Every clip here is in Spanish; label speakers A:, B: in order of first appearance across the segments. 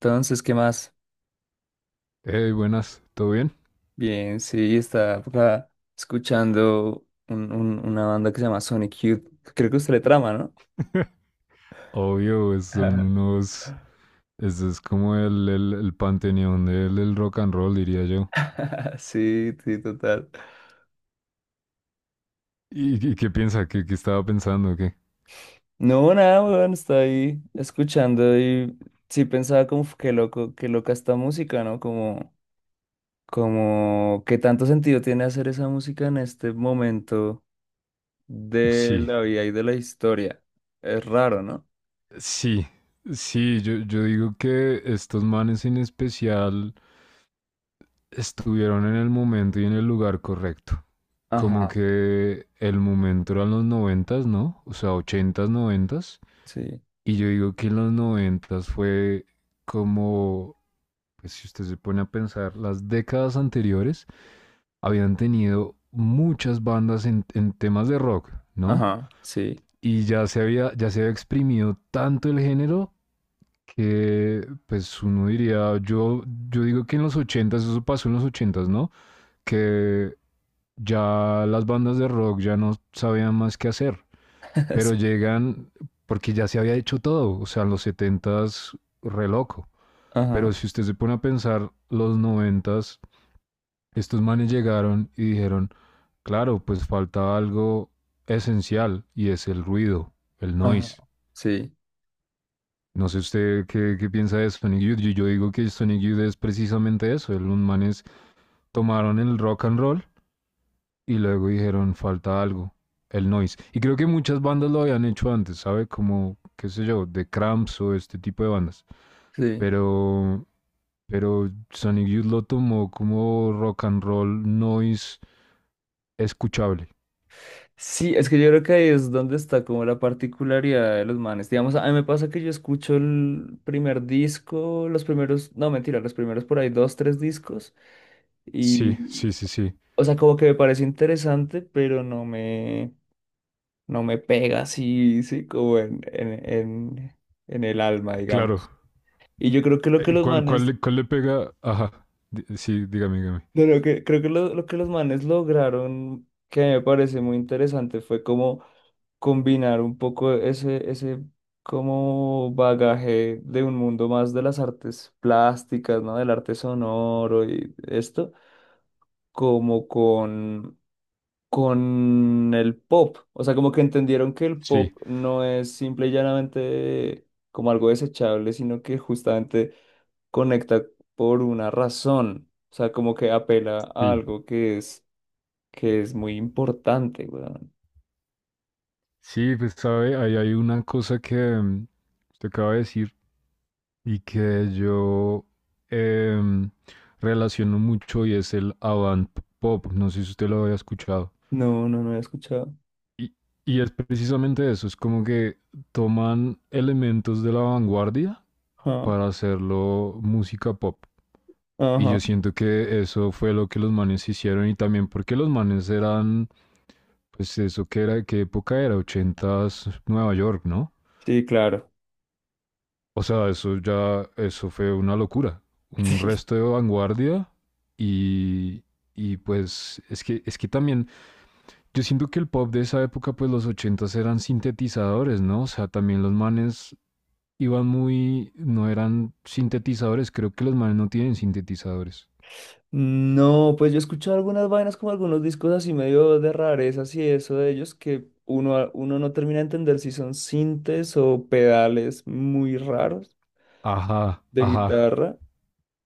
A: Entonces, ¿qué más?
B: Hey, buenas, ¿todo bien?
A: Bien, sí, estaba por acá escuchando una banda que se llama Sonic Youth. Creo que usted le trama, ¿no?
B: Obvio, son
A: Ajá.
B: unos. Este es como el panteón del rock and roll, diría yo.
A: Sí, sí, total.
B: ¿Y qué piensa? ¿Qué estaba pensando? ¿Qué?
A: No, nada, weón, está ahí escuchando y sí pensaba como "Uf, qué loco, qué loca esta música, ¿no?" Como, como qué tanto sentido tiene hacer esa música en este momento de
B: Sí,
A: la vida y de la historia. Es raro, ¿no?
B: sí, sí, yo, yo digo que estos manes en especial estuvieron en el momento y en el lugar correcto. Como
A: Ajá,
B: que el momento eran los noventas, ¿no? O sea, ochentas, noventas.
A: sí,
B: Y yo digo que en los noventas fue como, pues si usted se pone a pensar, las décadas anteriores habían tenido muchas bandas en temas de rock, ¿no?
A: ajá, sí,
B: Y ya se había exprimido tanto el género que, pues uno diría, yo digo que en los ochentas, eso pasó en los ochentas, ¿no? Que ya las bandas de rock ya no sabían más qué hacer, pero
A: sí,
B: llegan, porque ya se había hecho todo, o sea, en los setentas, re loco,
A: ajá.
B: pero si usted se pone a pensar, los noventas. Estos manes llegaron y dijeron, claro, pues falta algo esencial y es el ruido, el
A: Ajá,
B: noise.
A: sí,
B: No sé usted qué piensa de Sonic Youth. Yo digo que Sonic Youth es precisamente eso. Los manes tomaron el rock and roll y luego dijeron, falta algo, el noise. Y creo que muchas bandas lo habían hecho antes, ¿sabe? Como, qué sé yo, de Cramps o este tipo de bandas.
A: sí.
B: Pero, pero Sonic Youth lo tomó como rock and roll noise escuchable.
A: Sí, es que yo creo que ahí es donde está como la particularidad de los manes. Digamos, a mí me pasa que yo escucho el primer disco, los primeros, no, mentira, los primeros por ahí dos, tres discos
B: Sí, sí,
A: y,
B: sí, sí.
A: o sea, como que me parece interesante, pero no me pega así, sí, como en el alma,
B: Claro.
A: digamos. Y yo creo que lo que
B: Eh,
A: los
B: ¿Cuál, cuál,
A: manes,
B: le- cuál le pega? Ajá. Sí, dígame, dígame.
A: no, no, que, creo que lo que los manes lograron, que me parece muy interesante, fue como combinar un poco ese como bagaje de un mundo más de las artes plásticas, ¿no? Del arte sonoro y esto, como con, con el pop. O sea, como que entendieron que el pop
B: Sí,
A: no es simple y llanamente como algo desechable, sino que justamente conecta por una razón. O sea, como que apela a
B: sí.
A: algo que es muy importante, weón.
B: Sí, pues sabe, ahí hay una cosa que usted acaba de decir y que yo em, relaciono mucho, y es el avant pop. No sé si usted lo había escuchado.
A: No, no, no he escuchado.
B: Y, y es precisamente eso, es como que toman elementos de la vanguardia
A: Ajá,
B: para hacerlo música pop. Y yo
A: ajá.
B: siento que eso fue lo que los manes hicieron, y también porque los manes eran, pues eso que era, ¿qué época era? Ochentas Nueva York, ¿no?
A: Sí, claro.
B: O sea, eso ya, eso fue una locura. Un
A: Sí.
B: resto de vanguardia y, y pues es que también, yo siento que el pop de esa época, pues los ochentas eran sintetizadores, ¿no? O sea, también los manes iban muy, no eran sintetizadores, creo que los manes no tienen sintetizadores.
A: No, pues yo he escuchado algunas vainas como algunos discos así medio de rarezas y eso de ellos que uno, uno no termina de entender si son sintes o pedales muy raros
B: Ajá,
A: de
B: ajá.
A: guitarra,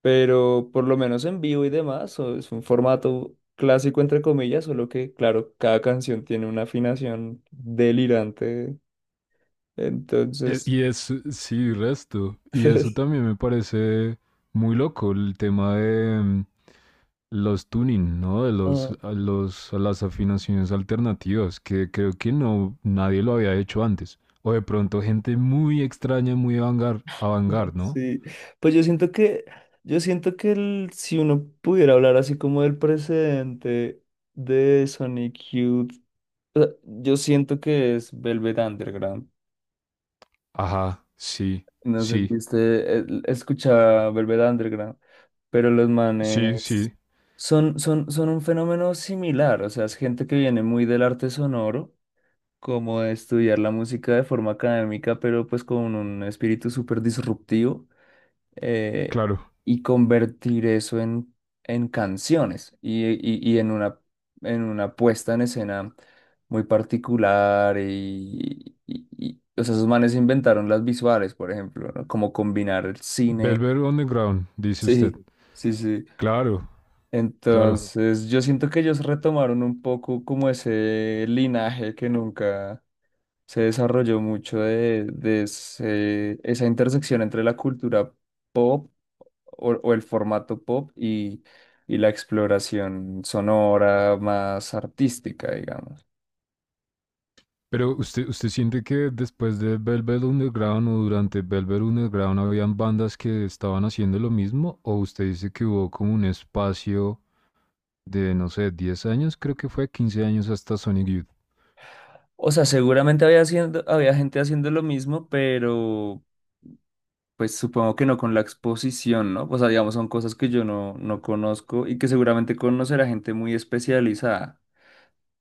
A: pero por lo menos en vivo y demás, o es un formato clásico entre comillas, solo que claro, cada canción tiene una afinación delirante,
B: Eh,
A: entonces...
B: Y es, sí, resto. Y eso también me parece muy loco, el tema de los tuning, ¿no? De los, a las afinaciones alternativas, que creo que no, nadie lo había hecho antes. O de pronto gente muy extraña, muy avangar, ¿no?
A: Sí, pues yo siento yo siento que si uno pudiera hablar así como del precedente de Sonic Youth, o sea, yo siento que es Velvet Underground.
B: Ajá, sí,
A: No sé si
B: sí,
A: usted escuchaba Velvet Underground, pero los
B: sí,
A: manes
B: sí,
A: son un fenómeno similar, o sea, es gente que viene muy del arte sonoro, como de estudiar la música de forma académica, pero pues con un espíritu súper disruptivo. eh,
B: claro.
A: y convertir eso en, en canciones y en una puesta en escena muy particular o sea, esos manes inventaron las visuales, por ejemplo, ¿no? Como combinar el cine.
B: Velvet Underground, dice usted.
A: Sí, sí, sí.
B: Claro, claro.
A: Entonces, yo siento que ellos retomaron un poco como ese linaje que nunca se desarrolló mucho de esa intersección entre la cultura pop o el formato pop y la exploración sonora más artística, digamos.
B: Pero usted siente que después de Velvet Underground o durante Velvet Underground habían bandas que estaban haciendo lo mismo, o usted dice que hubo como un espacio de, no sé, 10 años, creo que fue 15 años hasta Sonic Youth.
A: O sea, seguramente había gente haciendo lo mismo, pero pues supongo que no con la exposición, ¿no? O sea, digamos, son cosas que yo no conozco y que seguramente conocerá gente muy especializada.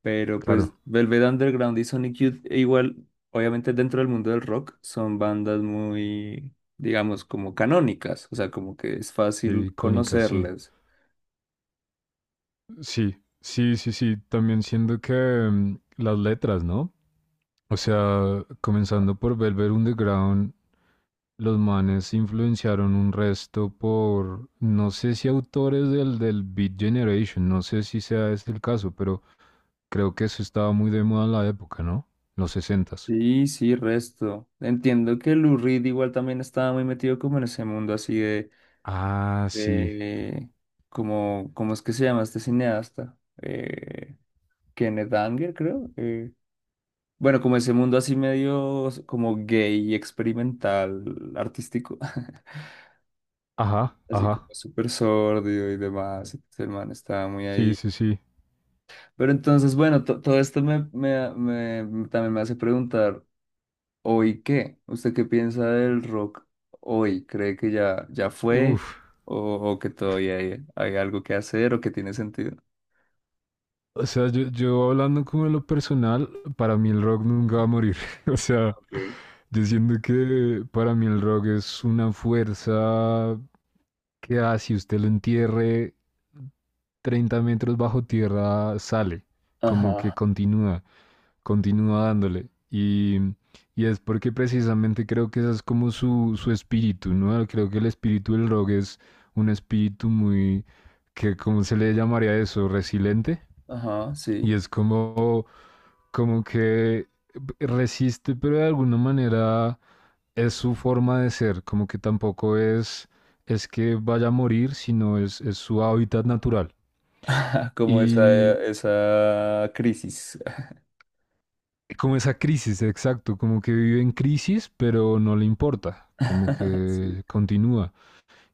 A: Pero
B: Claro,
A: pues Velvet Underground y Sonic Youth, e igual, obviamente dentro del mundo del rock, son bandas muy, digamos, como canónicas, o sea, como que es
B: qué
A: fácil
B: icónica, sí.
A: conocerles.
B: Sí, sí, sí, sí. También siento que las letras, ¿no? O sea, comenzando por Velvet Underground, los manes influenciaron un resto por, no sé si autores del Beat Generation, no sé si sea este el caso, pero creo que eso estaba muy de moda en la época, ¿no? Los sesentas.
A: Sí, sí, resto. Entiendo que Lou Reed igual también estaba muy metido como en ese mundo así
B: Ah, sí.
A: de como, ¿cómo es que se llama este cineasta? Eh, Kenneth Anger, creo. Bueno, como ese mundo así medio como gay experimental, artístico.
B: Ajá,
A: Así como
B: ajá.
A: súper sordio y demás. Entonces el man estaba muy
B: Sí,
A: ahí.
B: sí, sí.
A: Pero entonces, bueno, todo esto también me hace preguntar. ¿Hoy qué? ¿Usted qué piensa del rock hoy? ¿Cree que ya, ya
B: Uf.
A: fue o que todavía hay, hay algo que hacer o que tiene sentido?
B: O sea, yo hablando como de lo personal, para mí el rock nunca va a morir. O sea,
A: Okay.
B: yo siento que para mí el rock es una fuerza que así usted lo entierre 30 metros bajo tierra, sale, como que
A: Ajá,
B: continúa, continúa dándole. Y es porque precisamente creo que ese es como su espíritu, ¿no? Creo que el espíritu del rock es un espíritu muy, que, ¿cómo se le llamaría eso? Resiliente.
A: ajá,
B: Y
A: sí.
B: es como, como que resiste, pero de alguna manera es su forma de ser, como que tampoco es, es que vaya a morir, sino es su hábitat natural.
A: Como esa,
B: Y
A: esa crisis.
B: como esa crisis, exacto, como que vive en crisis, pero no le importa, como
A: Sí.
B: que continúa.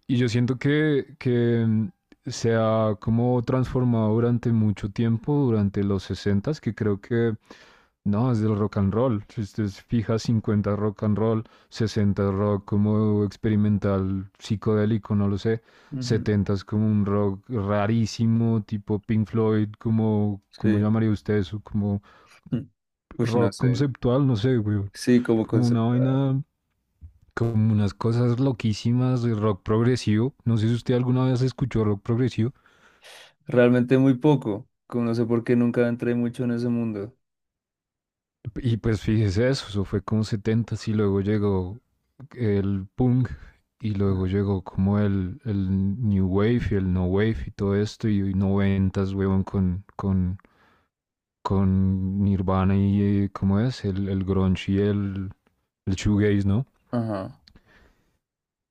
B: Y yo siento que se ha como transformado durante mucho tiempo, durante los sesentas, que creo que no, es del rock and roll. Si usted se fija, 50 rock and roll, 60 rock como experimental, psicodélico, no lo sé.
A: Ujú,
B: 70 es como un rock rarísimo, tipo Pink Floyd, como, ¿cómo
A: sí.
B: llamaría usted eso? Como
A: Uy, no
B: rock
A: sé.
B: conceptual, no sé, güey.
A: Sí, como
B: Como una
A: concepto.
B: vaina, como unas cosas loquísimas de rock progresivo. No sé si usted alguna vez escuchó rock progresivo.
A: Realmente muy poco. Como no sé por qué nunca entré mucho en ese mundo.
B: Y pues fíjese eso, eso fue como 70 y luego llegó el punk y luego
A: Ajá,
B: llegó como el New Wave y el No Wave y todo esto, y noventas, weón, con Nirvana y ¿cómo es? El grunge y el shoegaze, ¿no?
A: ajá,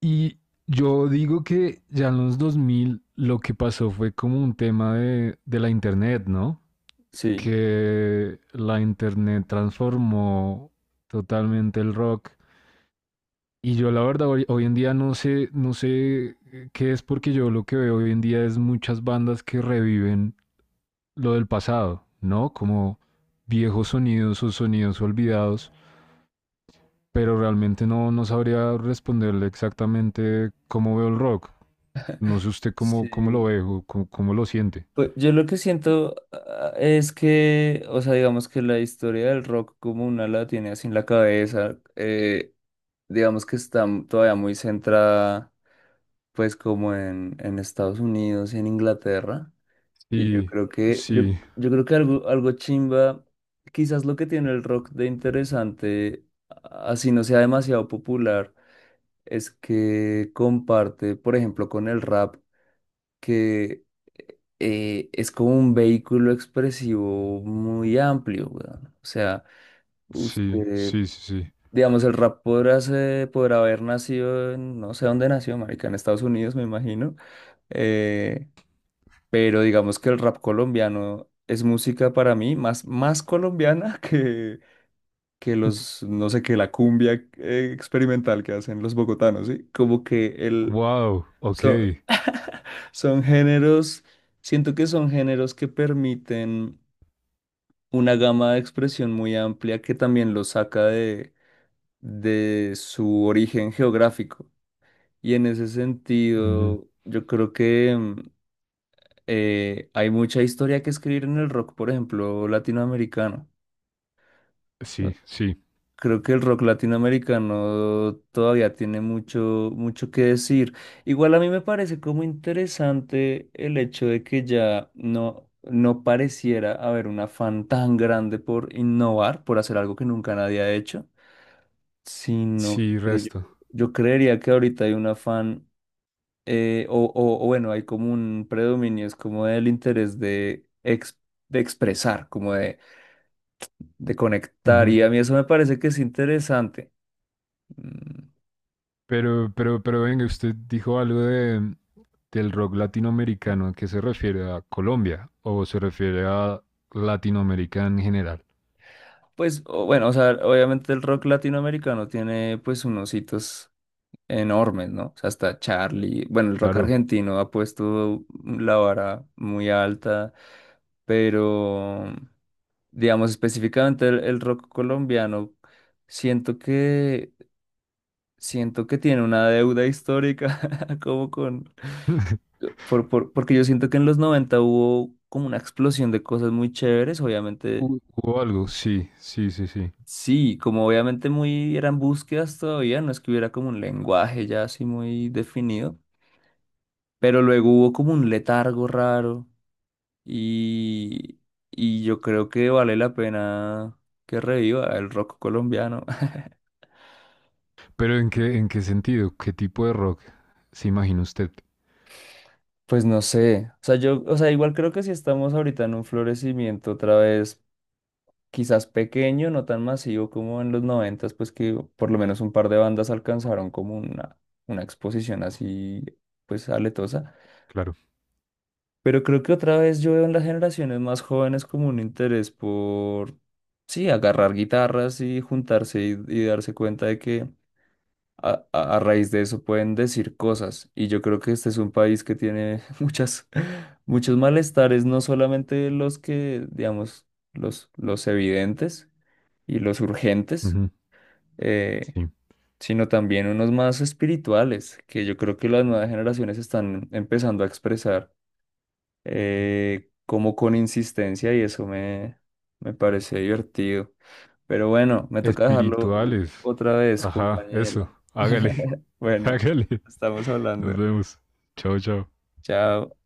B: Y yo digo que ya en los 2000 lo que pasó fue como un tema de la internet, ¿no?
A: sí.
B: Que la internet transformó totalmente el rock. Y yo la verdad hoy en día no sé, no sé qué es, porque yo lo que veo hoy en día es muchas bandas que reviven lo del pasado, ¿no? Como viejos sonidos o sonidos olvidados, pero realmente no sabría responderle exactamente cómo veo el rock. No sé usted cómo lo
A: Sí.
B: ve o cómo lo siente.
A: Pues yo lo que siento ah, es que, o sea, digamos que la historia del rock como una la tiene así en la cabeza, digamos que está todavía muy centrada pues como en Estados Unidos y en Inglaterra. Y yo
B: Sí,
A: creo
B: sí,
A: yo creo que algo, algo chimba, quizás lo que tiene el rock de interesante, así no sea demasiado popular, es que comparte, por ejemplo, con el rap. Que Es como un vehículo expresivo muy amplio, weón. O sea,
B: sí,
A: usted,
B: sí, sí, sí.
A: digamos, el rap podrá, podrá haber nacido en, no sé dónde nació, marica, en Estados Unidos, me imagino. eh, pero digamos que el rap colombiano es música para mí más, más colombiana que los, no sé, que la cumbia experimental que hacen los bogotanos, ¿sí? Como que el,
B: Wow,
A: son,
B: ok.
A: son géneros, siento que son géneros que permiten una gama de expresión muy amplia que también lo saca de su origen geográfico. Y en ese
B: Ujú.
A: sentido, yo creo que hay mucha historia que escribir en el rock, por ejemplo, latinoamericano.
B: Sí, sí,
A: Creo que el rock latinoamericano todavía tiene mucho, mucho que decir. Igual a mí me parece como interesante el hecho de que ya no, no pareciera haber un afán tan grande por innovar, por hacer algo que nunca nadie ha hecho, sino
B: sí,
A: que
B: resto.
A: yo creería que ahorita hay un afán, o bueno, hay como un predominio, es como el interés de expresar, como de conectar,
B: Ujú.
A: y a mí eso me parece que es interesante. Mm,
B: Pero venga, usted dijo algo de, del rock latinoamericano. ¿A qué se refiere? ¿A Colombia? ¿O se refiere a Latinoamérica en general?
A: pues bueno, o sea, obviamente el rock latinoamericano tiene pues unos hitos enormes, ¿no? O sea, hasta Charlie, bueno, el rock
B: Claro.
A: argentino ha puesto la vara muy alta, pero, digamos, específicamente el rock colombiano, siento que, siento que tiene una deuda histórica, como con, porque yo siento que en los 90 hubo como una explosión de cosas muy chéveres, obviamente.
B: Hubo algo, sí, sí, sí, sí.
A: Sí, como obviamente muy eran búsquedas todavía, no es que hubiera como un lenguaje ya así muy definido. Pero luego hubo como un letargo raro y, y yo creo que vale la pena que reviva el rock colombiano.
B: Pero en qué sentido? ¿Qué tipo de rock se imagina usted?
A: Pues no sé, o sea, yo, o sea, igual creo que si estamos ahorita en un florecimiento otra vez, quizás pequeño, no tan masivo como en los noventas, pues que por lo menos un par de bandas alcanzaron como una exposición así, pues aletosa.
B: Claro.
A: Pero creo que otra vez yo veo en las generaciones más jóvenes como un interés por, sí, agarrar guitarras y juntarse y darse cuenta de que a raíz de eso pueden decir cosas. Y yo creo que este es un país que tiene muchas, muchos malestares, no solamente los que, digamos, los evidentes y los urgentes,
B: Ujú.
A: eh,
B: Sí.
A: sino también unos más espirituales, que yo creo que las nuevas generaciones están empezando a expresar como con insistencia y eso me parece divertido. Pero bueno, me toca dejarlo
B: Espirituales.
A: otra vez,
B: Ajá, eso.
A: compañero.
B: Hágale.
A: Bueno,
B: Hágale.
A: estamos hablando.
B: Nos vemos. Chao, chao.
A: Chao.